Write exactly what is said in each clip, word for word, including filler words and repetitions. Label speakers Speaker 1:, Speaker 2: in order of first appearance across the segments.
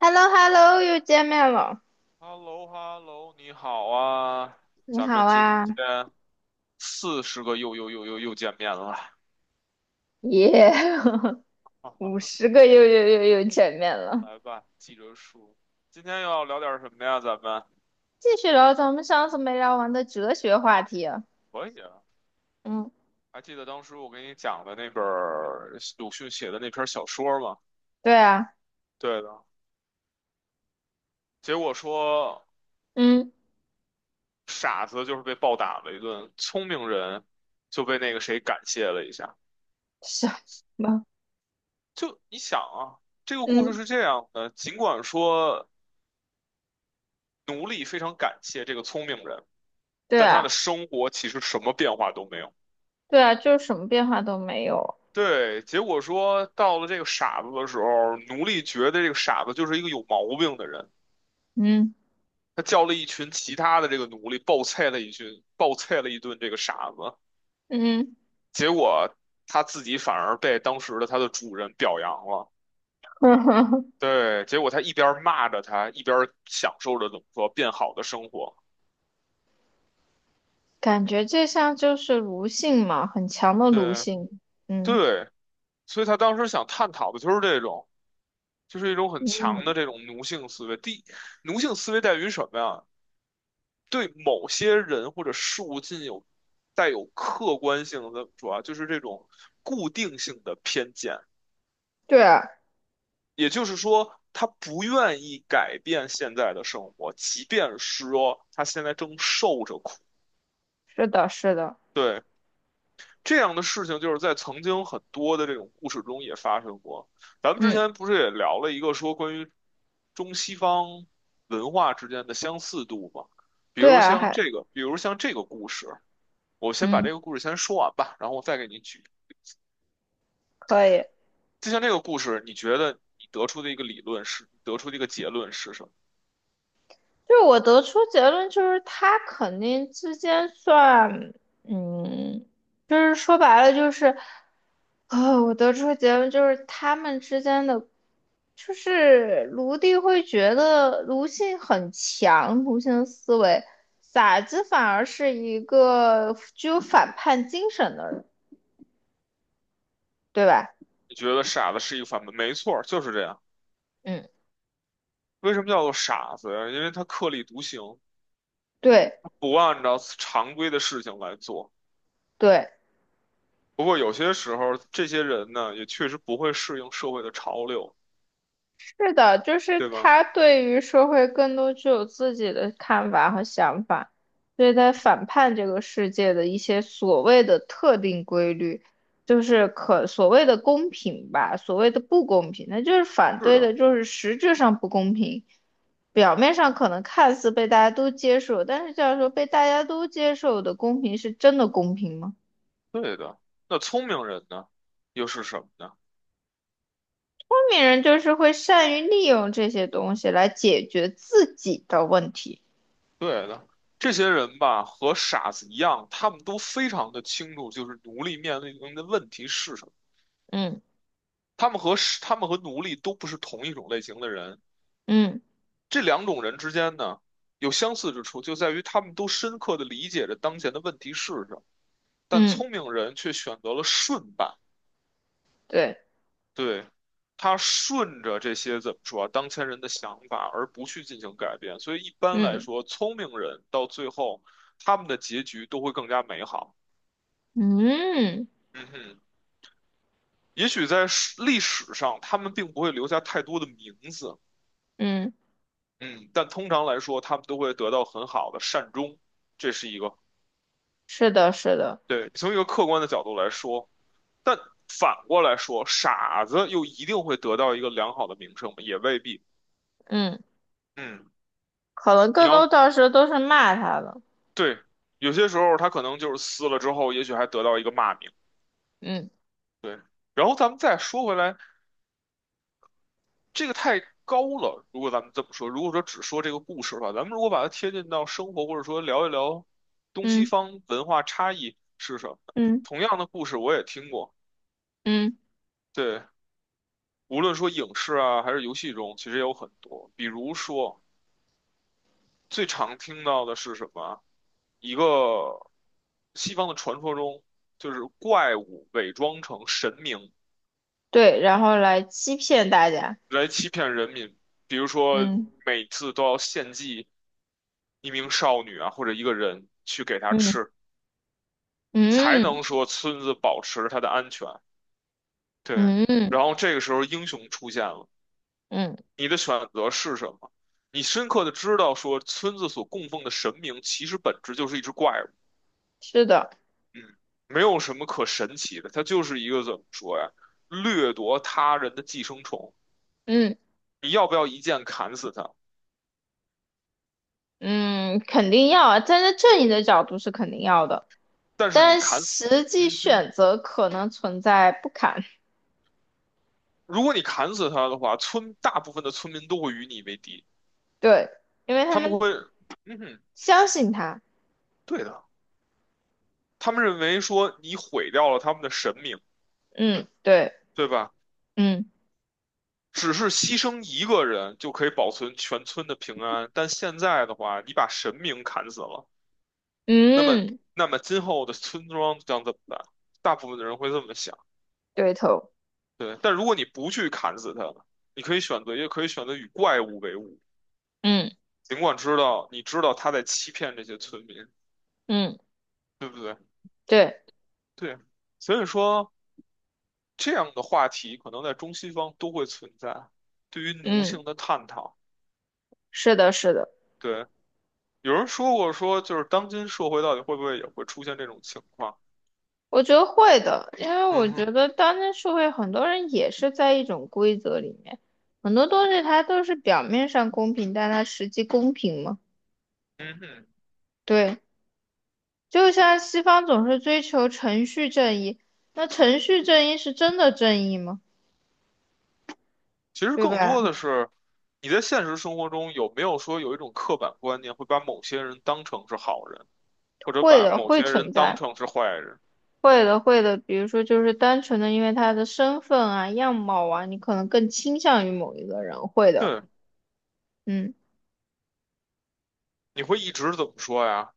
Speaker 1: h e l l o h e l l o 又见面了，
Speaker 2: h e l l o h e l l o 你好啊，
Speaker 1: 你
Speaker 2: 咱们
Speaker 1: 好
Speaker 2: 今
Speaker 1: 啊，
Speaker 2: 天四十个又又又又又见面了，
Speaker 1: 耶，五 十个又又又又见面了。
Speaker 2: 来吧，记着数。今天要聊点什么呀？咱们
Speaker 1: 继续聊咱们上次没聊完的哲学话题啊。
Speaker 2: 可以啊，
Speaker 1: 嗯，
Speaker 2: 还记得当时我给你讲的那本儿鲁迅写的那篇小说吗？
Speaker 1: 对啊，
Speaker 2: 对的，结果说
Speaker 1: 嗯，
Speaker 2: 傻子就是被暴打了一顿，聪明人就被那个谁感谢了一下。
Speaker 1: 什么？
Speaker 2: 就你想啊，这个故事
Speaker 1: 嗯，
Speaker 2: 是这样的，尽管说奴隶非常感谢这个聪明人。
Speaker 1: 对
Speaker 2: 但他
Speaker 1: 啊，
Speaker 2: 的生活其实什么变化都没有。
Speaker 1: 对啊，就是什么变化都没有。
Speaker 2: 对，结果说到了这个傻子的时候，奴隶觉得这个傻子就是一个有毛病的人。
Speaker 1: 嗯
Speaker 2: 他叫了一群其他的这个奴隶暴菜了一群，暴菜了一顿这个傻子。
Speaker 1: 嗯。
Speaker 2: 结果他自己反而被当时的他的主人表扬了。对，结果他一边骂着他，一边享受着怎么说变好的生活。
Speaker 1: 感觉这像就是奴性嘛，很强的奴
Speaker 2: 对
Speaker 1: 性。嗯，
Speaker 2: 对，所以他当时想探讨的就是这种。就是一种很强的
Speaker 1: 嗯，
Speaker 2: 这种奴性思维。第，奴性思维在于什么呀？对某些人或者事物进有带有客观性的，怎么说啊？就是这种固定性的偏见。
Speaker 1: 对啊，
Speaker 2: 也就是说，他不愿意改变现在的生活，即便是说他现在正受着苦。
Speaker 1: 是的，是的，
Speaker 2: 对。这样的事情就是在曾经很多的这种故事中也发生过。咱们之
Speaker 1: 嗯，
Speaker 2: 前不是也聊了一个说关于中西方文化之间的相似度吗？比
Speaker 1: 对
Speaker 2: 如
Speaker 1: 啊，
Speaker 2: 像
Speaker 1: 还，
Speaker 2: 这个，比如像这个故事，我先把
Speaker 1: 嗯，
Speaker 2: 这个故事先说完吧，然后我再给你举。
Speaker 1: 可以。
Speaker 2: 就像这个故事，你觉得你得出的一个理论是，得出的一个结论是什么？
Speaker 1: 就是我得出结论，就是他肯定之间算，嗯，就是说白了就是，呃，我得出结论就是他们之间的，就是卢棣会觉得卢性很强，卢性思维，傻子反而是一个具有反叛精神的人，对吧？
Speaker 2: 你觉得傻子是一个反面，没错，就是这样。
Speaker 1: 嗯，
Speaker 2: 为什么叫做傻子呀？因为他特立独行，
Speaker 1: 对
Speaker 2: 不按照常规的事情来做。
Speaker 1: 对。
Speaker 2: 不过有些时候，这些人呢，也确实不会适应社会的潮流，
Speaker 1: 是的，就是
Speaker 2: 对吧？
Speaker 1: 他对于社会更多具有自己的看法和想法，所以他反叛这个世界的一些所谓的特定规律，就是可所谓的公平吧，所谓的不公平，那就是反
Speaker 2: 是
Speaker 1: 对的，
Speaker 2: 的，
Speaker 1: 就是实质上不公平，表面上可能看似被大家都接受，但是这样说被大家都接受的公平是真的公平吗？
Speaker 2: 对的。那聪明人呢，又是什么呢？
Speaker 1: 聪明人就是会善于利用这些东西来解决自己的问题。
Speaker 2: 对的，这些人吧，和傻子一样，他们都非常的清楚，就是奴隶面临的问题是什么。
Speaker 1: 嗯
Speaker 2: 他们和是他们和奴隶都不是同一种类型的人。
Speaker 1: 嗯
Speaker 2: 这两种人之间呢，有相似之处，就在于他们都深刻的理解着当前的问题是什么。但
Speaker 1: 嗯。
Speaker 2: 聪明人却选择了顺办。
Speaker 1: 对，
Speaker 2: 对，他顺着这些怎么说啊，当前人的想法，而不去进行改变。所以一般来
Speaker 1: 嗯
Speaker 2: 说，聪明人到最后，他们的结局都会更加美好。
Speaker 1: 嗯
Speaker 2: 嗯哼，也许在史历史上，他们并不会留下太多的名字，
Speaker 1: 嗯，
Speaker 2: 嗯，但通常来说，他们都会得到很好的善终。这是一个，
Speaker 1: 是的，是的，
Speaker 2: 对，从一个客观的角度来说，但反过来说，傻子又一定会得到一个良好的名声吗？也未必。
Speaker 1: 嗯，
Speaker 2: 嗯。
Speaker 1: 可能
Speaker 2: 你
Speaker 1: 更多
Speaker 2: 要
Speaker 1: 到时候都是骂他的，
Speaker 2: 对，有些时候他可能就是撕了之后，也许还得到一个骂名。
Speaker 1: 嗯
Speaker 2: 对，然后咱们再说回来，这个太高了。如果咱们这么说，如果说只说这个故事的话，咱们如果把它贴近到生活，或者说聊一聊东西
Speaker 1: 嗯
Speaker 2: 方文化差异是什么，
Speaker 1: 嗯
Speaker 2: 同样的故事我也听过。
Speaker 1: 嗯，
Speaker 2: 对，无论说影视啊，还是游戏中，其实也有很多。比如说，最常听到的是什么？一个西方的传说中，就是怪物伪装成神明。
Speaker 1: 对，然后来欺骗大家，
Speaker 2: 来欺骗人民，比如说
Speaker 1: 嗯
Speaker 2: 每次都要献祭一名少女啊，或者一个人去给她
Speaker 1: 嗯
Speaker 2: 吃，才
Speaker 1: 嗯
Speaker 2: 能说村子保持它的安全。对，
Speaker 1: 嗯
Speaker 2: 然后这个时候英雄出现了，
Speaker 1: 嗯，
Speaker 2: 你的选择是什么？你深刻的知道说村子所供奉的神明其实本质就是一只怪物，
Speaker 1: 是的，
Speaker 2: 嗯，没有什么可神奇的，它就是一个怎么说呀，掠夺他人的寄生虫。
Speaker 1: 嗯
Speaker 2: 你要不要一剑砍死他？
Speaker 1: 嗯，肯定要啊，站在正义的角度是肯定要的，
Speaker 2: 但是你
Speaker 1: 但
Speaker 2: 砍，
Speaker 1: 实际
Speaker 2: 嗯哼。
Speaker 1: 选择可能存在不堪，
Speaker 2: 如果你砍死他的话，村大部分的村民都会与你为敌，
Speaker 1: 对，因为他
Speaker 2: 他们
Speaker 1: 们
Speaker 2: 会，嗯哼，
Speaker 1: 相信他，
Speaker 2: 对的，他们认为说你毁掉了他们的神明，
Speaker 1: 嗯，对，
Speaker 2: 对吧？
Speaker 1: 嗯
Speaker 2: 只是牺牲一个人就可以保存全村的平安，但现在的话，你把神明砍死了，那么，
Speaker 1: 嗯，
Speaker 2: 那么今后的村庄将怎么办？大部分的人会这么想，
Speaker 1: 对头。
Speaker 2: 对。但如果你不去砍死他，你可以选择，也可以选择与怪物为伍，
Speaker 1: 嗯
Speaker 2: 尽管知道你知道他在欺骗这些村民，
Speaker 1: 嗯，
Speaker 2: 对不对？
Speaker 1: 对，
Speaker 2: 对，所以说这样的话题可能在中西方都会存在，对于奴
Speaker 1: 嗯，
Speaker 2: 性的探讨。
Speaker 1: 是的，是的，
Speaker 2: 对，有人说过说，就是当今社会到底会不会也会出现这种情况？
Speaker 1: 我觉得会的，因为
Speaker 2: 嗯
Speaker 1: 我觉
Speaker 2: 哼，
Speaker 1: 得当今社会很多人也是在一种规则里面，很多东西它都是表面上公平，但它实际公平吗？
Speaker 2: 嗯哼，
Speaker 1: 对，就像西方总是追求程序正义，那程序正义是真的正义吗？
Speaker 2: 其实
Speaker 1: 对
Speaker 2: 更
Speaker 1: 吧？
Speaker 2: 多的是你在现实生活中有没有说有一种刻板观念，会把某些人当成是好人，或者
Speaker 1: 会
Speaker 2: 把
Speaker 1: 的，
Speaker 2: 某
Speaker 1: 会
Speaker 2: 些人
Speaker 1: 存
Speaker 2: 当
Speaker 1: 在，
Speaker 2: 成是坏人？
Speaker 1: 会的，会的。比如说，就是单纯的因为他的身份啊、样貌啊，你可能更倾向于某一个人，会的，
Speaker 2: 对，
Speaker 1: 嗯。
Speaker 2: 你会一直怎么说呀？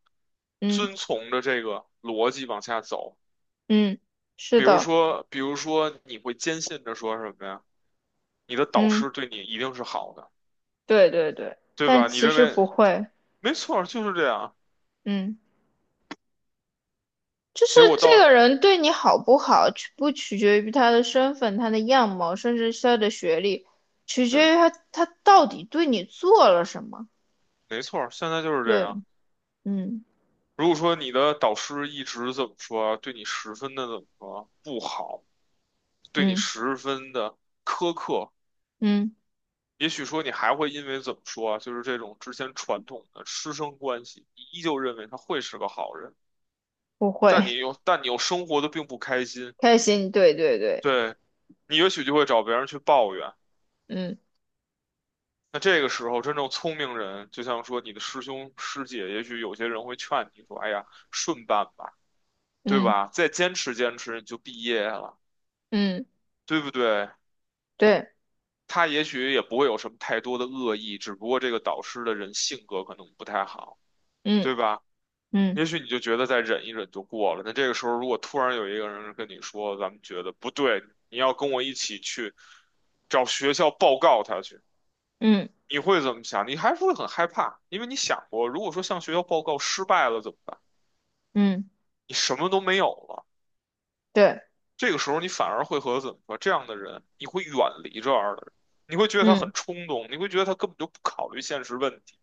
Speaker 1: 嗯。
Speaker 2: 遵从着这个逻辑往下走。
Speaker 1: 嗯，是
Speaker 2: 比如
Speaker 1: 的，
Speaker 2: 说，比如说，你会坚信着说什么呀？你的导
Speaker 1: 嗯，
Speaker 2: 师对你一定是好的，
Speaker 1: 对对对，
Speaker 2: 对
Speaker 1: 但
Speaker 2: 吧？你
Speaker 1: 其
Speaker 2: 认
Speaker 1: 实
Speaker 2: 为
Speaker 1: 不会，
Speaker 2: 没错儿，就是这样。
Speaker 1: 嗯，就是
Speaker 2: 结果
Speaker 1: 这
Speaker 2: 到，
Speaker 1: 个人对你好不好，取不取决于他的身份、他的样貌，甚至是他的学历，取
Speaker 2: 对，
Speaker 1: 决于他他到底对你做了什么。
Speaker 2: 没错儿，现在就是这
Speaker 1: 对，
Speaker 2: 样。
Speaker 1: 嗯
Speaker 2: 如果说你的导师一直怎么说，对你十分的怎么说不好，对你
Speaker 1: 嗯
Speaker 2: 十分的苛刻，
Speaker 1: 嗯，
Speaker 2: 也许说你还会因为怎么说，啊，就是这种之前传统的师生关系，你依旧认为他会是个好人，
Speaker 1: 不会，
Speaker 2: 但你 又但你又生活的并不开心，
Speaker 1: 开心，对对对，
Speaker 2: 对你也许就会找别人去抱怨。
Speaker 1: 嗯
Speaker 2: 那这个时候，真正聪明人，就像说你的师兄师姐，也许有些人会劝你说：“哎呀，顺办吧，对
Speaker 1: 嗯
Speaker 2: 吧？再坚持坚持，你就毕业了，
Speaker 1: 嗯，
Speaker 2: 对不对？”
Speaker 1: 对，
Speaker 2: 他也许也不会有什么太多的恶意，只不过这个导师的人性格可能不太好，
Speaker 1: 嗯
Speaker 2: 对吧？也
Speaker 1: 嗯
Speaker 2: 许你就觉得再忍一忍就过了。那这个时候，如果突然有一个人跟你说：“咱们觉得不对，你要跟我一起去找学校报告他去。”
Speaker 1: 嗯
Speaker 2: 你会怎么想？你还是会很害怕，因为你想过，如果说向学校报告失败了怎么办？
Speaker 1: 嗯，
Speaker 2: 你什么都没有了。
Speaker 1: 对，
Speaker 2: 这个时候，你反而会和怎么说这样的人，你会远离这样的人，你会觉得他很
Speaker 1: 嗯
Speaker 2: 冲动，你会觉得他根本就不考虑现实问题。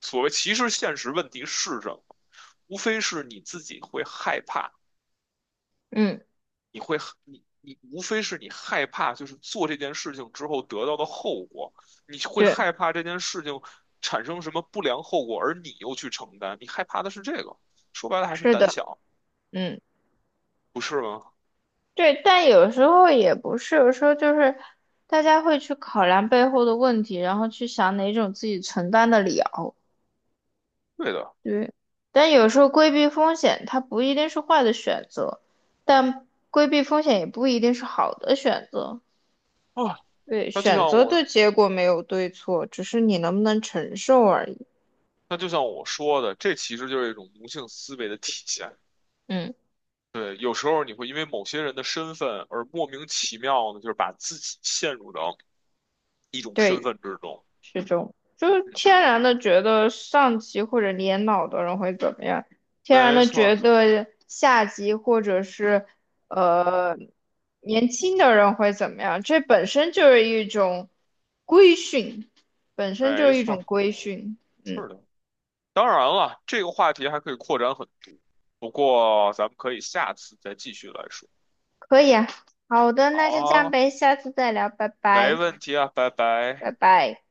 Speaker 2: 所谓其实现实问题是什么？无非是你自己会害怕，
Speaker 1: 嗯，
Speaker 2: 你会你你无非是你害怕，就是做这件事情之后得到的后果，你会
Speaker 1: 对，
Speaker 2: 害怕这件事情产生什么不良后果，而你又去承担，你害怕的是这个，说白了还是
Speaker 1: 是
Speaker 2: 胆
Speaker 1: 的，
Speaker 2: 小，
Speaker 1: 嗯。
Speaker 2: 不是吗？
Speaker 1: 对，但有时候也不是，有时候就是大家会去考量背后的问题，然后去想哪种自己承担得了。
Speaker 2: 对的
Speaker 1: 对，但有时候规避风险，它不一定是坏的选择，但规避风险也不一定是好的选择。
Speaker 2: 啊，
Speaker 1: 对，
Speaker 2: 那就像
Speaker 1: 选择的
Speaker 2: 我
Speaker 1: 结果没有对错，只是你能不能承受而已。
Speaker 2: 那就像我说的，这其实就是一种奴性思维的体现。
Speaker 1: 嗯，
Speaker 2: 对，有时候你会因为某些人的身份而莫名其妙的，就是把自己陷入到一种身
Speaker 1: 对。
Speaker 2: 份之中。
Speaker 1: 是这种，就是
Speaker 2: 嗯，
Speaker 1: 天然的觉得上级或者年老的人会怎么样，天然
Speaker 2: 没
Speaker 1: 的觉
Speaker 2: 错
Speaker 1: 得下级或者是呃年轻的人会怎么样，这本身就是一种规训，本身就
Speaker 2: 没
Speaker 1: 是一
Speaker 2: 错
Speaker 1: 种规训。嗯，
Speaker 2: 是的。当然了，这个话题还可以扩展很多，不过咱们可以下次再继续来说。
Speaker 1: 可以啊，好的，
Speaker 2: 好
Speaker 1: 那就这样
Speaker 2: 啊
Speaker 1: 呗，下次再聊，拜
Speaker 2: 没
Speaker 1: 拜，
Speaker 2: 问题啊，拜拜。
Speaker 1: 拜拜。